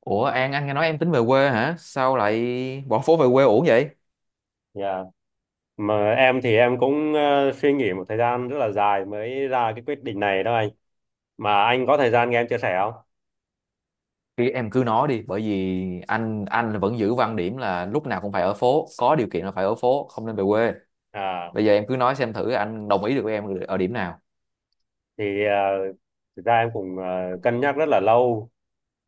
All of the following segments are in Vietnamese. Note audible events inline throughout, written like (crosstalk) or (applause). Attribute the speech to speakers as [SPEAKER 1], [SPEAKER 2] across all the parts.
[SPEAKER 1] Ủa An, anh nghe nói em tính về quê hả? Sao lại bỏ phố về quê uổng vậy?
[SPEAKER 2] Dạ, Mà em thì em cũng suy nghĩ một thời gian rất là dài mới ra cái quyết định này đó anh. Mà anh có thời gian nghe em chia sẻ không?
[SPEAKER 1] Thì em cứ nói đi, bởi vì anh vẫn giữ quan điểm là lúc nào cũng phải ở phố, có điều kiện là phải ở phố, không nên về quê.
[SPEAKER 2] À,
[SPEAKER 1] Bây giờ em cứ nói xem thử anh đồng ý được với em ở điểm nào.
[SPEAKER 2] thì ờ, Thực ra em cũng cân nhắc rất là lâu.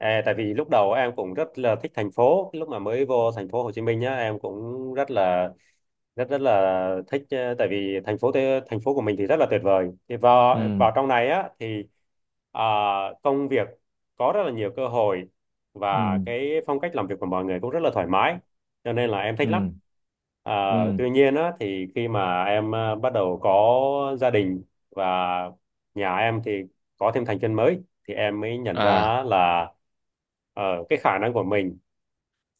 [SPEAKER 2] À, tại vì lúc đầu em cũng rất là thích thành phố. Lúc mà mới vô thành phố Hồ Chí Minh nhá, em cũng rất rất là thích, tại vì thành phố thành phố của mình thì rất là tuyệt vời, thì vào
[SPEAKER 1] Ừ,
[SPEAKER 2] vào trong này á thì à, công việc có rất là nhiều cơ hội, và
[SPEAKER 1] ừ,
[SPEAKER 2] cái phong cách làm việc của mọi người cũng rất là thoải mái, cho nên là em thích lắm.
[SPEAKER 1] ừ,
[SPEAKER 2] À,
[SPEAKER 1] ừ.
[SPEAKER 2] tuy nhiên á, thì khi mà em bắt đầu có gia đình và nhà em thì có thêm thành viên mới, thì em mới nhận
[SPEAKER 1] À,
[SPEAKER 2] ra là ờ, cái khả năng của mình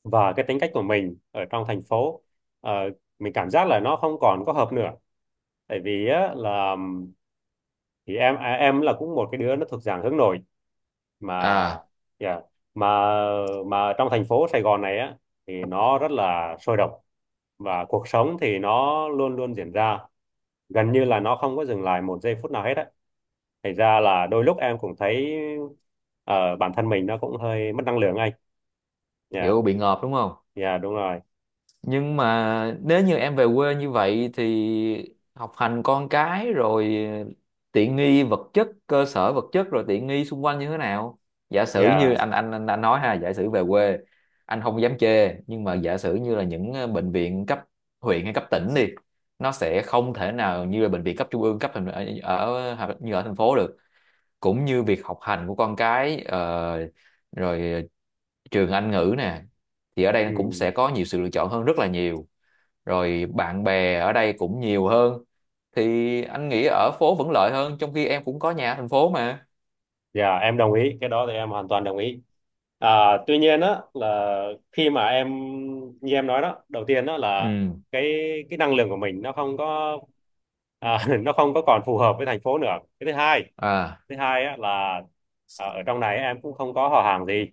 [SPEAKER 2] và cái tính cách của mình ở trong thành phố, ờ, mình cảm giác là nó không còn có hợp nữa. Tại vì á, là thì em à, em là cũng một cái đứa nó thuộc dạng hướng nội, mà
[SPEAKER 1] à,
[SPEAKER 2] yeah, mà mà trong thành phố Sài Gòn này á thì nó rất là sôi động, và cuộc sống thì nó luôn luôn diễn ra, gần như là nó không có dừng lại một giây phút nào hết á, thành ra là đôi lúc em cũng thấy bản thân mình nó cũng hơi mất năng lượng anh. Dạ.
[SPEAKER 1] hiểu bị ngợp đúng không?
[SPEAKER 2] Dạ đúng rồi.
[SPEAKER 1] Nhưng mà nếu như em về quê như vậy thì học hành con cái rồi tiện nghi vật chất cơ sở vật chất rồi tiện nghi xung quanh như thế nào, giả sử như
[SPEAKER 2] Dạ.
[SPEAKER 1] anh nói ha, giả sử về quê anh không dám chê, nhưng mà giả sử như là những bệnh viện cấp huyện hay cấp tỉnh đi, nó sẽ không thể nào như là bệnh viện cấp trung ương cấp thành ở hoặc như ở thành phố được, cũng như việc học hành của con cái rồi trường Anh ngữ nè thì ở đây cũng
[SPEAKER 2] Ừ.
[SPEAKER 1] sẽ có nhiều sự lựa chọn hơn rất là nhiều, rồi bạn bè ở đây cũng nhiều hơn, thì anh nghĩ ở phố vẫn lợi hơn trong khi em cũng có nhà ở thành phố mà.
[SPEAKER 2] Dạ em đồng ý, cái đó thì em hoàn toàn đồng ý. À, tuy nhiên á, là khi mà em, như em nói đó, đầu tiên đó là
[SPEAKER 1] Ừ.
[SPEAKER 2] cái cái năng lượng của mình nó không có, à, (laughs) nó không có còn phù hợp với thành phố nữa. Cái thứ hai,
[SPEAKER 1] À.
[SPEAKER 2] thứ hai á là à, ở trong này em cũng không có họ hàng gì,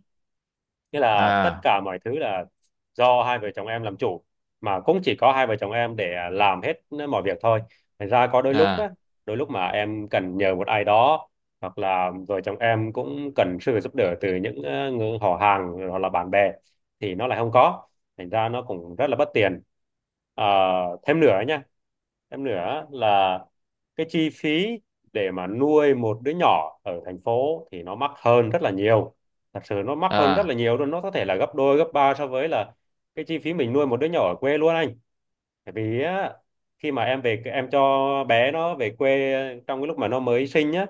[SPEAKER 2] nghĩa là tất
[SPEAKER 1] À.
[SPEAKER 2] cả mọi thứ là do hai vợ chồng em làm chủ, mà cũng chỉ có hai vợ chồng em để làm hết mọi việc thôi. Thành ra có đôi lúc á,
[SPEAKER 1] À.
[SPEAKER 2] đôi lúc mà em cần nhờ một ai đó, hoặc là vợ chồng em cũng cần sự giúp đỡ từ những người họ hàng hoặc là bạn bè, thì nó lại không có, thành ra nó cũng rất là bất tiện. Ờ, Thêm nữa nhá, em nữa là cái chi phí để mà nuôi một đứa nhỏ ở thành phố thì nó mắc hơn rất là nhiều. Thật sự nó mắc hơn rất
[SPEAKER 1] À.
[SPEAKER 2] là nhiều luôn, nó có thể là gấp đôi, gấp ba so với là cái chi phí mình nuôi một đứa nhỏ ở quê luôn anh. Tại vì á, khi mà em về em cho bé nó về quê, trong cái lúc mà nó mới sinh á,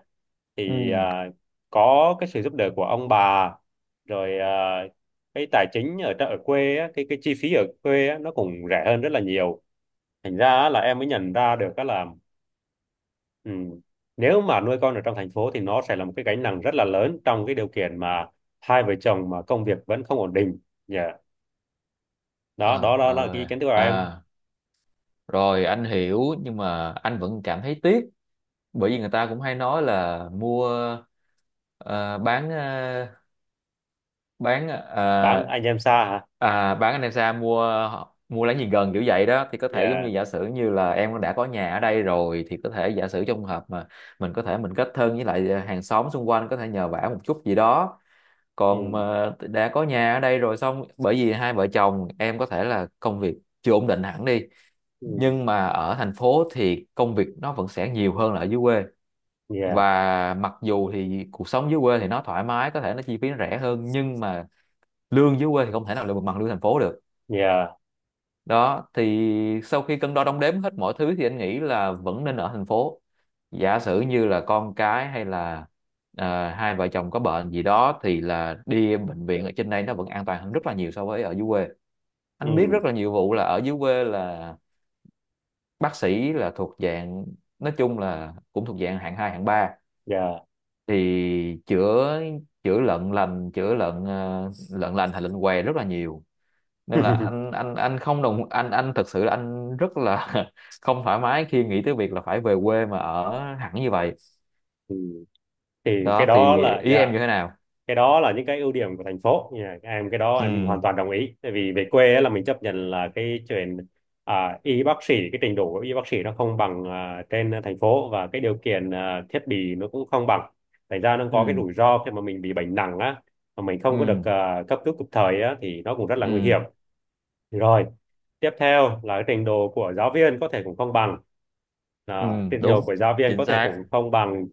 [SPEAKER 1] Ừ.
[SPEAKER 2] thì à, có cái sự giúp đỡ của ông bà, rồi à, cái tài chính ở quê á, cái chi phí ở quê á, nó cũng rẻ hơn rất là nhiều. Thành ra á, là em mới nhận ra được á là, ừ, nếu mà nuôi con ở trong thành phố thì nó sẽ là một cái gánh nặng rất là lớn, trong cái điều kiện mà hai vợ chồng mà công việc vẫn không ổn định. Dạ. Đó,
[SPEAKER 1] Trời
[SPEAKER 2] đó, đó là cái ý
[SPEAKER 1] ơi
[SPEAKER 2] kiến của em.
[SPEAKER 1] à, rồi anh hiểu nhưng mà anh vẫn cảm thấy tiếc, bởi vì người ta cũng hay nói là mua ờ, bán bán
[SPEAKER 2] Bán anh em xa hả?
[SPEAKER 1] à, bán anh em xa, mua mua lấy gì gần kiểu vậy đó. Thì có thể giống
[SPEAKER 2] Dạ.
[SPEAKER 1] như giả sử như là em đã có nhà ở đây rồi thì có thể giả sử trong hợp mà mình có thể mình kết thân với lại hàng xóm xung quanh, có thể nhờ vả một chút gì đó. Còn
[SPEAKER 2] Ừ.
[SPEAKER 1] mà đã có nhà ở đây rồi xong, bởi vì hai vợ chồng em có thể là công việc chưa ổn định hẳn đi,
[SPEAKER 2] Ừ.
[SPEAKER 1] nhưng mà ở thành phố thì công việc nó vẫn sẽ nhiều hơn là ở dưới quê,
[SPEAKER 2] Dạ.
[SPEAKER 1] và mặc dù thì cuộc sống dưới quê thì nó thoải mái, có thể nó chi phí nó rẻ hơn, nhưng mà lương dưới quê thì không thể nào là bằng lương thành phố được.
[SPEAKER 2] Dạ.
[SPEAKER 1] Đó thì sau khi cân đo đong đếm hết mọi thứ thì anh nghĩ là vẫn nên ở thành phố. Giả sử như là con cái hay là hai vợ chồng có bệnh gì đó thì là đi bệnh viện ở trên đây nó vẫn an toàn hơn rất là nhiều so với ở dưới quê. Anh biết
[SPEAKER 2] Ừ.
[SPEAKER 1] rất là nhiều vụ là ở dưới quê là bác sĩ là thuộc dạng, nói chung là cũng thuộc dạng hạng 2 hạng ba,
[SPEAKER 2] Dạ.
[SPEAKER 1] thì chữa chữa lợn lành, chữa lợn lợn lành hay lợn què rất là nhiều, nên là
[SPEAKER 2] (laughs)
[SPEAKER 1] anh không đồng anh thực sự là anh rất là (laughs) không thoải mái khi nghĩ tới việc là phải về quê mà ở hẳn như vậy.
[SPEAKER 2] Ừ. Thì cái
[SPEAKER 1] Đó
[SPEAKER 2] đó
[SPEAKER 1] thì
[SPEAKER 2] là,
[SPEAKER 1] ý em
[SPEAKER 2] dạ,
[SPEAKER 1] như thế nào?
[SPEAKER 2] cái đó là những cái ưu điểm của thành phố. Em cái đó
[SPEAKER 1] Ừ.
[SPEAKER 2] em hoàn toàn đồng ý, tại vì về quê á, là mình chấp nhận là cái chuyện à, y bác sĩ, cái trình độ của y bác sĩ nó không bằng à, trên thành phố, và cái điều kiện, à, thiết bị nó cũng không bằng. Thành ra nó có cái
[SPEAKER 1] Ừ.
[SPEAKER 2] rủi ro khi mà mình bị bệnh nặng á, mà mình không có được
[SPEAKER 1] Ừ.
[SPEAKER 2] à, cấp cứu kịp thời á, thì nó cũng rất là nguy
[SPEAKER 1] Ừ.
[SPEAKER 2] hiểm. Rồi tiếp theo là cái trình độ của giáo viên có thể cũng không bằng,
[SPEAKER 1] Ừ.
[SPEAKER 2] à, trình độ
[SPEAKER 1] Đúng.
[SPEAKER 2] của giáo viên
[SPEAKER 1] Chính
[SPEAKER 2] có thể
[SPEAKER 1] xác.
[SPEAKER 2] cũng không bằng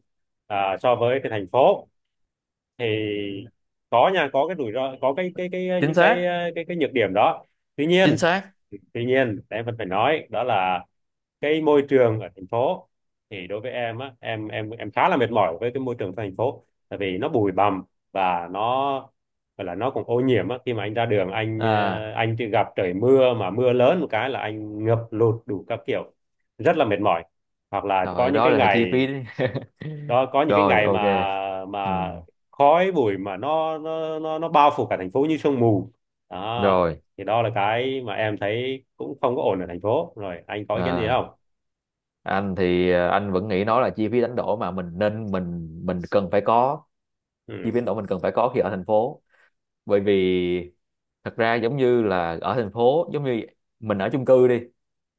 [SPEAKER 2] à, so với cái thành phố. Thì có nha, có cái rủi ro, có cái ờ,
[SPEAKER 1] Chính
[SPEAKER 2] những cái
[SPEAKER 1] xác.
[SPEAKER 2] ờ, cái nhược điểm đó. tuy
[SPEAKER 1] Chính
[SPEAKER 2] nhiên
[SPEAKER 1] xác.
[SPEAKER 2] tuy nhiên em vẫn phải nói đó là, cái môi trường ở thành phố thì đối với em á, em khá là mệt mỏi với cái môi trường thành phố, tại vì nó bụi bặm và nó gọi là nó cũng ô nhiễm á. Khi mà anh ra đường anh,
[SPEAKER 1] À,
[SPEAKER 2] anh chỉ gặp trời mưa mà mưa lớn một cái là anh ngập lụt đủ các kiểu, rất là mệt mỏi. Hoặc là có
[SPEAKER 1] rồi
[SPEAKER 2] những
[SPEAKER 1] đó
[SPEAKER 2] cái
[SPEAKER 1] là chi
[SPEAKER 2] ngày,
[SPEAKER 1] phí đấy.
[SPEAKER 2] đó, có
[SPEAKER 1] (laughs)
[SPEAKER 2] những cái
[SPEAKER 1] Rồi
[SPEAKER 2] ngày
[SPEAKER 1] ok. Ừ.
[SPEAKER 2] mà khói bụi mà nó bao phủ cả thành phố như sương mù. Đó,
[SPEAKER 1] Rồi.
[SPEAKER 2] thì đó là cái mà em thấy cũng không có ổn ở thành phố. Rồi anh có ý kiến gì
[SPEAKER 1] À,
[SPEAKER 2] không?
[SPEAKER 1] anh thì anh vẫn nghĩ nó là chi phí đánh đổi mà mình nên mình cần phải có, chi phí
[SPEAKER 2] Ừ.
[SPEAKER 1] đánh đổi mình cần phải có khi ở thành phố. Bởi vì thật ra giống như là ở thành phố, giống như mình ở chung cư đi,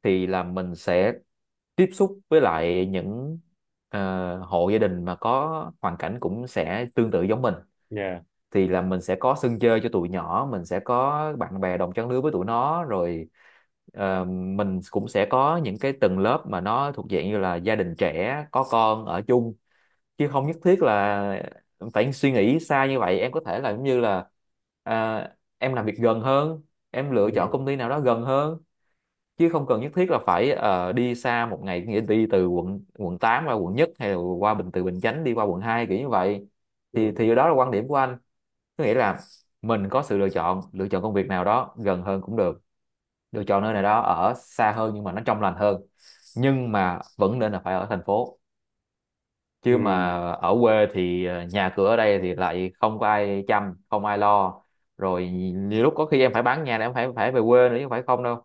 [SPEAKER 1] thì là mình sẽ tiếp xúc với lại những hộ gia đình mà có hoàn cảnh cũng sẽ tương tự giống mình,
[SPEAKER 2] Yeah.
[SPEAKER 1] thì là mình sẽ có sân chơi cho tụi nhỏ, mình sẽ có bạn bè đồng trang lứa với tụi nó, rồi mình cũng sẽ có những cái tầng lớp mà nó thuộc dạng như là gia đình trẻ có con ở chung, chứ không nhất thiết là phải suy nghĩ xa như vậy. Em có thể là giống như là à, em làm việc gần hơn, em lựa chọn
[SPEAKER 2] Ừ.
[SPEAKER 1] công ty nào đó gần hơn, chứ không cần nhất thiết là phải đi xa một ngày, nghĩa đi từ quận quận 8 qua quận 1 hay là qua Bình, từ Bình Chánh đi qua quận 2 kiểu như vậy. thì
[SPEAKER 2] Ừ.
[SPEAKER 1] thì đó là quan điểm của anh, có nghĩa là mình có sự lựa chọn, lựa chọn công việc nào đó gần hơn cũng được, lựa chọn nơi nào đó ở xa hơn nhưng mà nó trong lành hơn, nhưng mà vẫn nên là phải ở thành phố.
[SPEAKER 2] Ừ.
[SPEAKER 1] Chứ mà ở quê thì nhà cửa ở đây thì lại không có ai chăm, không ai lo. Rồi nhiều lúc có khi em phải bán nhà để em phải phải về quê nữa, chứ không phải không đâu.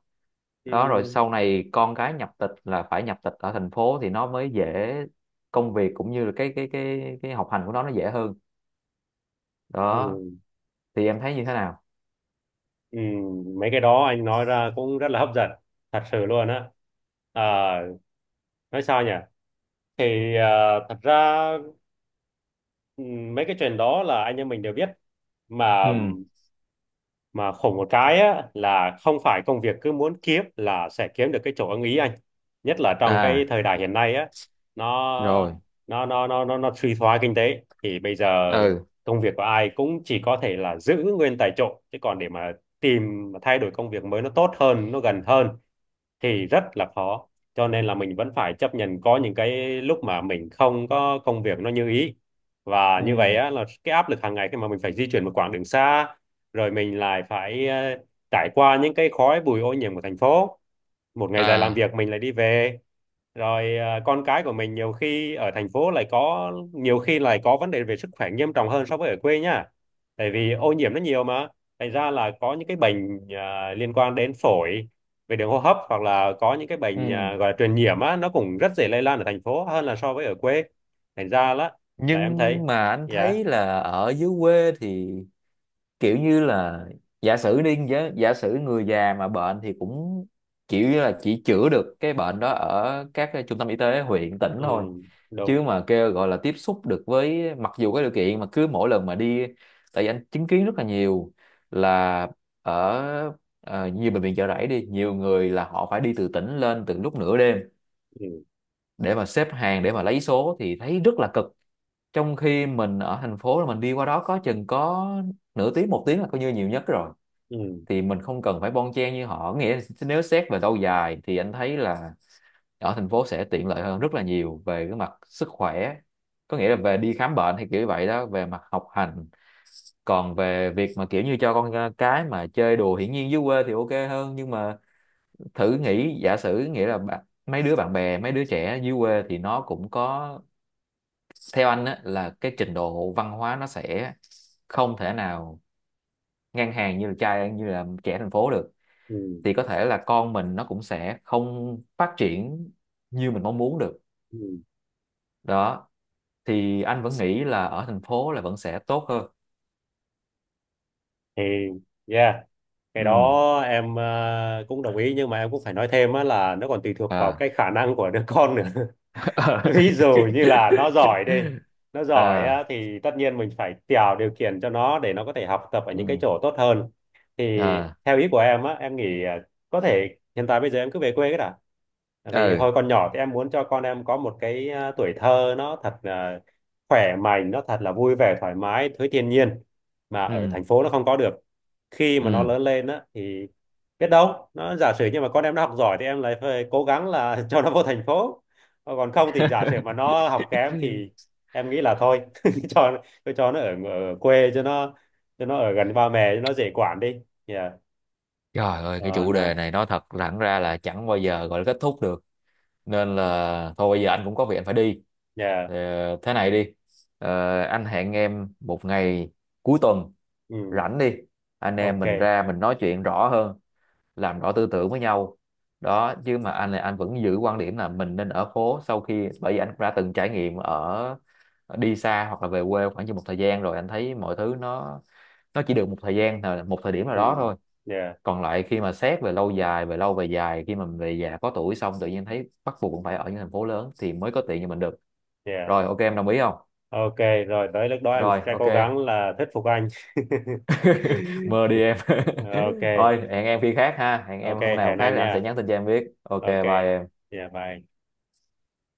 [SPEAKER 1] Đó, rồi
[SPEAKER 2] Ừ.
[SPEAKER 1] sau này con cái nhập tịch là phải nhập tịch ở thành phố thì nó mới dễ, công việc cũng như là cái học hành của nó dễ hơn.
[SPEAKER 2] Ừ.
[SPEAKER 1] Đó thì em thấy như thế nào?
[SPEAKER 2] Ừ. Mấy cái đó anh nói ra cũng rất là hấp dẫn, thật sự luôn á. À, nói sao nhỉ, thì à, thật ra, ừ, mấy cái chuyện đó là anh em mình đều biết mà.
[SPEAKER 1] Ừ.
[SPEAKER 2] Mà khổ một cái á, là không phải công việc cứ muốn kiếm là sẽ kiếm được cái chỗ ưng ý anh, nhất là trong cái
[SPEAKER 1] À.
[SPEAKER 2] thời đại hiện nay á, nó
[SPEAKER 1] Rồi.
[SPEAKER 2] nó suy thoái kinh tế, thì bây giờ
[SPEAKER 1] Ừ.
[SPEAKER 2] công việc của ai cũng chỉ có thể là giữ nguyên tại chỗ, chứ còn để mà tìm mà thay đổi công việc mới nó tốt hơn nó gần hơn thì rất là khó. Cho nên là mình vẫn phải chấp nhận có những cái lúc mà mình không có công việc nó như ý. Và như vậy
[SPEAKER 1] Ừ.
[SPEAKER 2] á, là cái áp lực hàng ngày khi mà mình phải di chuyển một quãng đường xa, rồi mình lại phải trải qua những cái khói bụi ô nhiễm của thành phố, một ngày dài làm
[SPEAKER 1] À.
[SPEAKER 2] việc mình lại đi về. Rồi con cái của mình nhiều khi ở thành phố lại có nhiều khi lại có vấn đề về sức khỏe nghiêm trọng hơn so với ở quê nhá, tại vì ô nhiễm nó nhiều mà. Thành ra là có những cái bệnh liên quan đến phổi, về đường hô hấp, hoặc là có những cái bệnh
[SPEAKER 1] Ừ.
[SPEAKER 2] gọi là truyền nhiễm á, nó cũng rất dễ lây lan ở thành phố hơn là so với ở quê. Thành ra là
[SPEAKER 1] Nhưng
[SPEAKER 2] em thấy,
[SPEAKER 1] mà anh
[SPEAKER 2] dạ.
[SPEAKER 1] thấy là ở dưới quê thì kiểu như là, giả sử đi giả sử người già mà bệnh thì cũng kiểu như là chỉ chữa được cái bệnh đó ở các cái trung tâm y tế huyện tỉnh
[SPEAKER 2] Ừ.
[SPEAKER 1] thôi,
[SPEAKER 2] Đúng.
[SPEAKER 1] chứ mà kêu gọi là tiếp xúc được với, mặc dù cái điều kiện mà cứ mỗi lần mà đi, tại vì anh chứng kiến rất là nhiều là ở nhiều bệnh viện Chợ Rẫy đi, nhiều người là họ phải đi từ tỉnh lên từ lúc nửa đêm
[SPEAKER 2] Ừ.
[SPEAKER 1] để mà xếp hàng để mà lấy số thì thấy rất là cực, trong khi mình ở thành phố là mình đi qua đó có chừng có nửa tiếng một tiếng là coi như nhiều nhất rồi,
[SPEAKER 2] Ừ.
[SPEAKER 1] thì mình không cần phải bon chen như họ. Nghĩa là nếu xét về lâu dài thì anh thấy là ở thành phố sẽ tiện lợi hơn rất là nhiều về cái mặt sức khỏe, có nghĩa là về đi khám bệnh hay kiểu như vậy đó, về mặt học hành, còn về việc mà kiểu như cho con cái mà chơi đùa, hiển nhiên dưới quê thì ok hơn, nhưng mà thử nghĩ giả sử nghĩa là mấy đứa bạn bè, mấy đứa trẻ dưới quê thì nó cũng có, theo anh á, là cái trình độ văn hóa nó sẽ không thể nào ngang hàng như là trai như là trẻ thành phố được,
[SPEAKER 2] Ừ.
[SPEAKER 1] thì có thể là con mình nó cũng sẽ không phát triển như mình mong muốn được.
[SPEAKER 2] Ừ.
[SPEAKER 1] Đó thì anh vẫn nghĩ là ở thành phố là vẫn sẽ tốt hơn.
[SPEAKER 2] Thì, yeah, cái
[SPEAKER 1] Ừ.
[SPEAKER 2] đó em cũng đồng ý, nhưng mà em cũng phải nói thêm á là nó còn tùy thuộc vào
[SPEAKER 1] À.
[SPEAKER 2] cái khả năng của đứa con nữa. (laughs) Ví
[SPEAKER 1] (laughs)
[SPEAKER 2] dụ như là nó giỏi đi, nó giỏi
[SPEAKER 1] À.
[SPEAKER 2] á, thì tất nhiên mình phải tạo điều kiện cho nó để nó có thể học tập ở những cái
[SPEAKER 1] Ừ.
[SPEAKER 2] chỗ tốt hơn. Thì
[SPEAKER 1] À.
[SPEAKER 2] theo ý của em á, em nghĩ à, có thể hiện tại bây giờ em cứ về quê cái đã. Tại vì
[SPEAKER 1] Ừ.
[SPEAKER 2] hồi còn nhỏ thì em muốn cho con em có một cái à, tuổi thơ nó thật là khỏe mạnh, nó thật là vui vẻ, thoải mái với thiên nhiên, mà ở
[SPEAKER 1] Ừ.
[SPEAKER 2] thành phố nó không có được. Khi mà nó
[SPEAKER 1] Ừ.
[SPEAKER 2] lớn lên á thì biết đâu nó, giả sử nhưng mà con em nó học giỏi, thì em lại phải cố gắng là (laughs) cho nó vô thành phố. Còn không thì giả sử mà nó học kém thì
[SPEAKER 1] (laughs)
[SPEAKER 2] em nghĩ là thôi, (laughs) cho cho nó ở quê, cho nó ở gần ba mẹ cho nó dễ quản đi. Yeah.
[SPEAKER 1] Trời ơi, cái
[SPEAKER 2] Còn.
[SPEAKER 1] chủ đề
[SPEAKER 2] À,
[SPEAKER 1] này nói thật thẳng ra là chẳng bao giờ gọi là kết thúc được, nên là thôi bây giờ anh cũng có việc anh phải đi.
[SPEAKER 2] yeah.
[SPEAKER 1] Ờ, thế này đi. Ờ, anh hẹn em một ngày cuối tuần
[SPEAKER 2] Ừ.
[SPEAKER 1] rảnh đi, anh em
[SPEAKER 2] Ok.
[SPEAKER 1] mình ra mình nói chuyện rõ hơn, làm rõ tư tưởng với nhau. Đó, chứ mà anh là anh vẫn giữ quan điểm là mình nên ở phố, sau khi bởi vì anh cũng đã từng trải nghiệm ở đi xa hoặc là về quê khoảng như một thời gian rồi, anh thấy mọi thứ nó chỉ được một thời gian, một thời điểm nào
[SPEAKER 2] Ừ.
[SPEAKER 1] đó thôi,
[SPEAKER 2] Yeah.
[SPEAKER 1] còn lại khi mà xét về lâu dài, về lâu về dài, khi mà mình về già có tuổi xong tự nhiên thấy bắt buộc cũng phải ở những thành phố lớn thì mới có tiền cho mình được.
[SPEAKER 2] Yeah.
[SPEAKER 1] Rồi ok, em đồng ý không?
[SPEAKER 2] Ok, rồi tới lúc đó em
[SPEAKER 1] Rồi
[SPEAKER 2] sẽ
[SPEAKER 1] ok.
[SPEAKER 2] cố gắng là thuyết phục anh.
[SPEAKER 1] (laughs) Mơ đi em.
[SPEAKER 2] (laughs)
[SPEAKER 1] (laughs)
[SPEAKER 2] Ok.
[SPEAKER 1] Thôi hẹn em khi khác ha, hẹn
[SPEAKER 2] Ok,
[SPEAKER 1] em hôm nào
[SPEAKER 2] hẹn
[SPEAKER 1] khác
[SPEAKER 2] anh
[SPEAKER 1] thì anh sẽ
[SPEAKER 2] nha.
[SPEAKER 1] nhắn tin cho em biết. Ok,
[SPEAKER 2] Ok.
[SPEAKER 1] bye em.
[SPEAKER 2] Dạ, bye.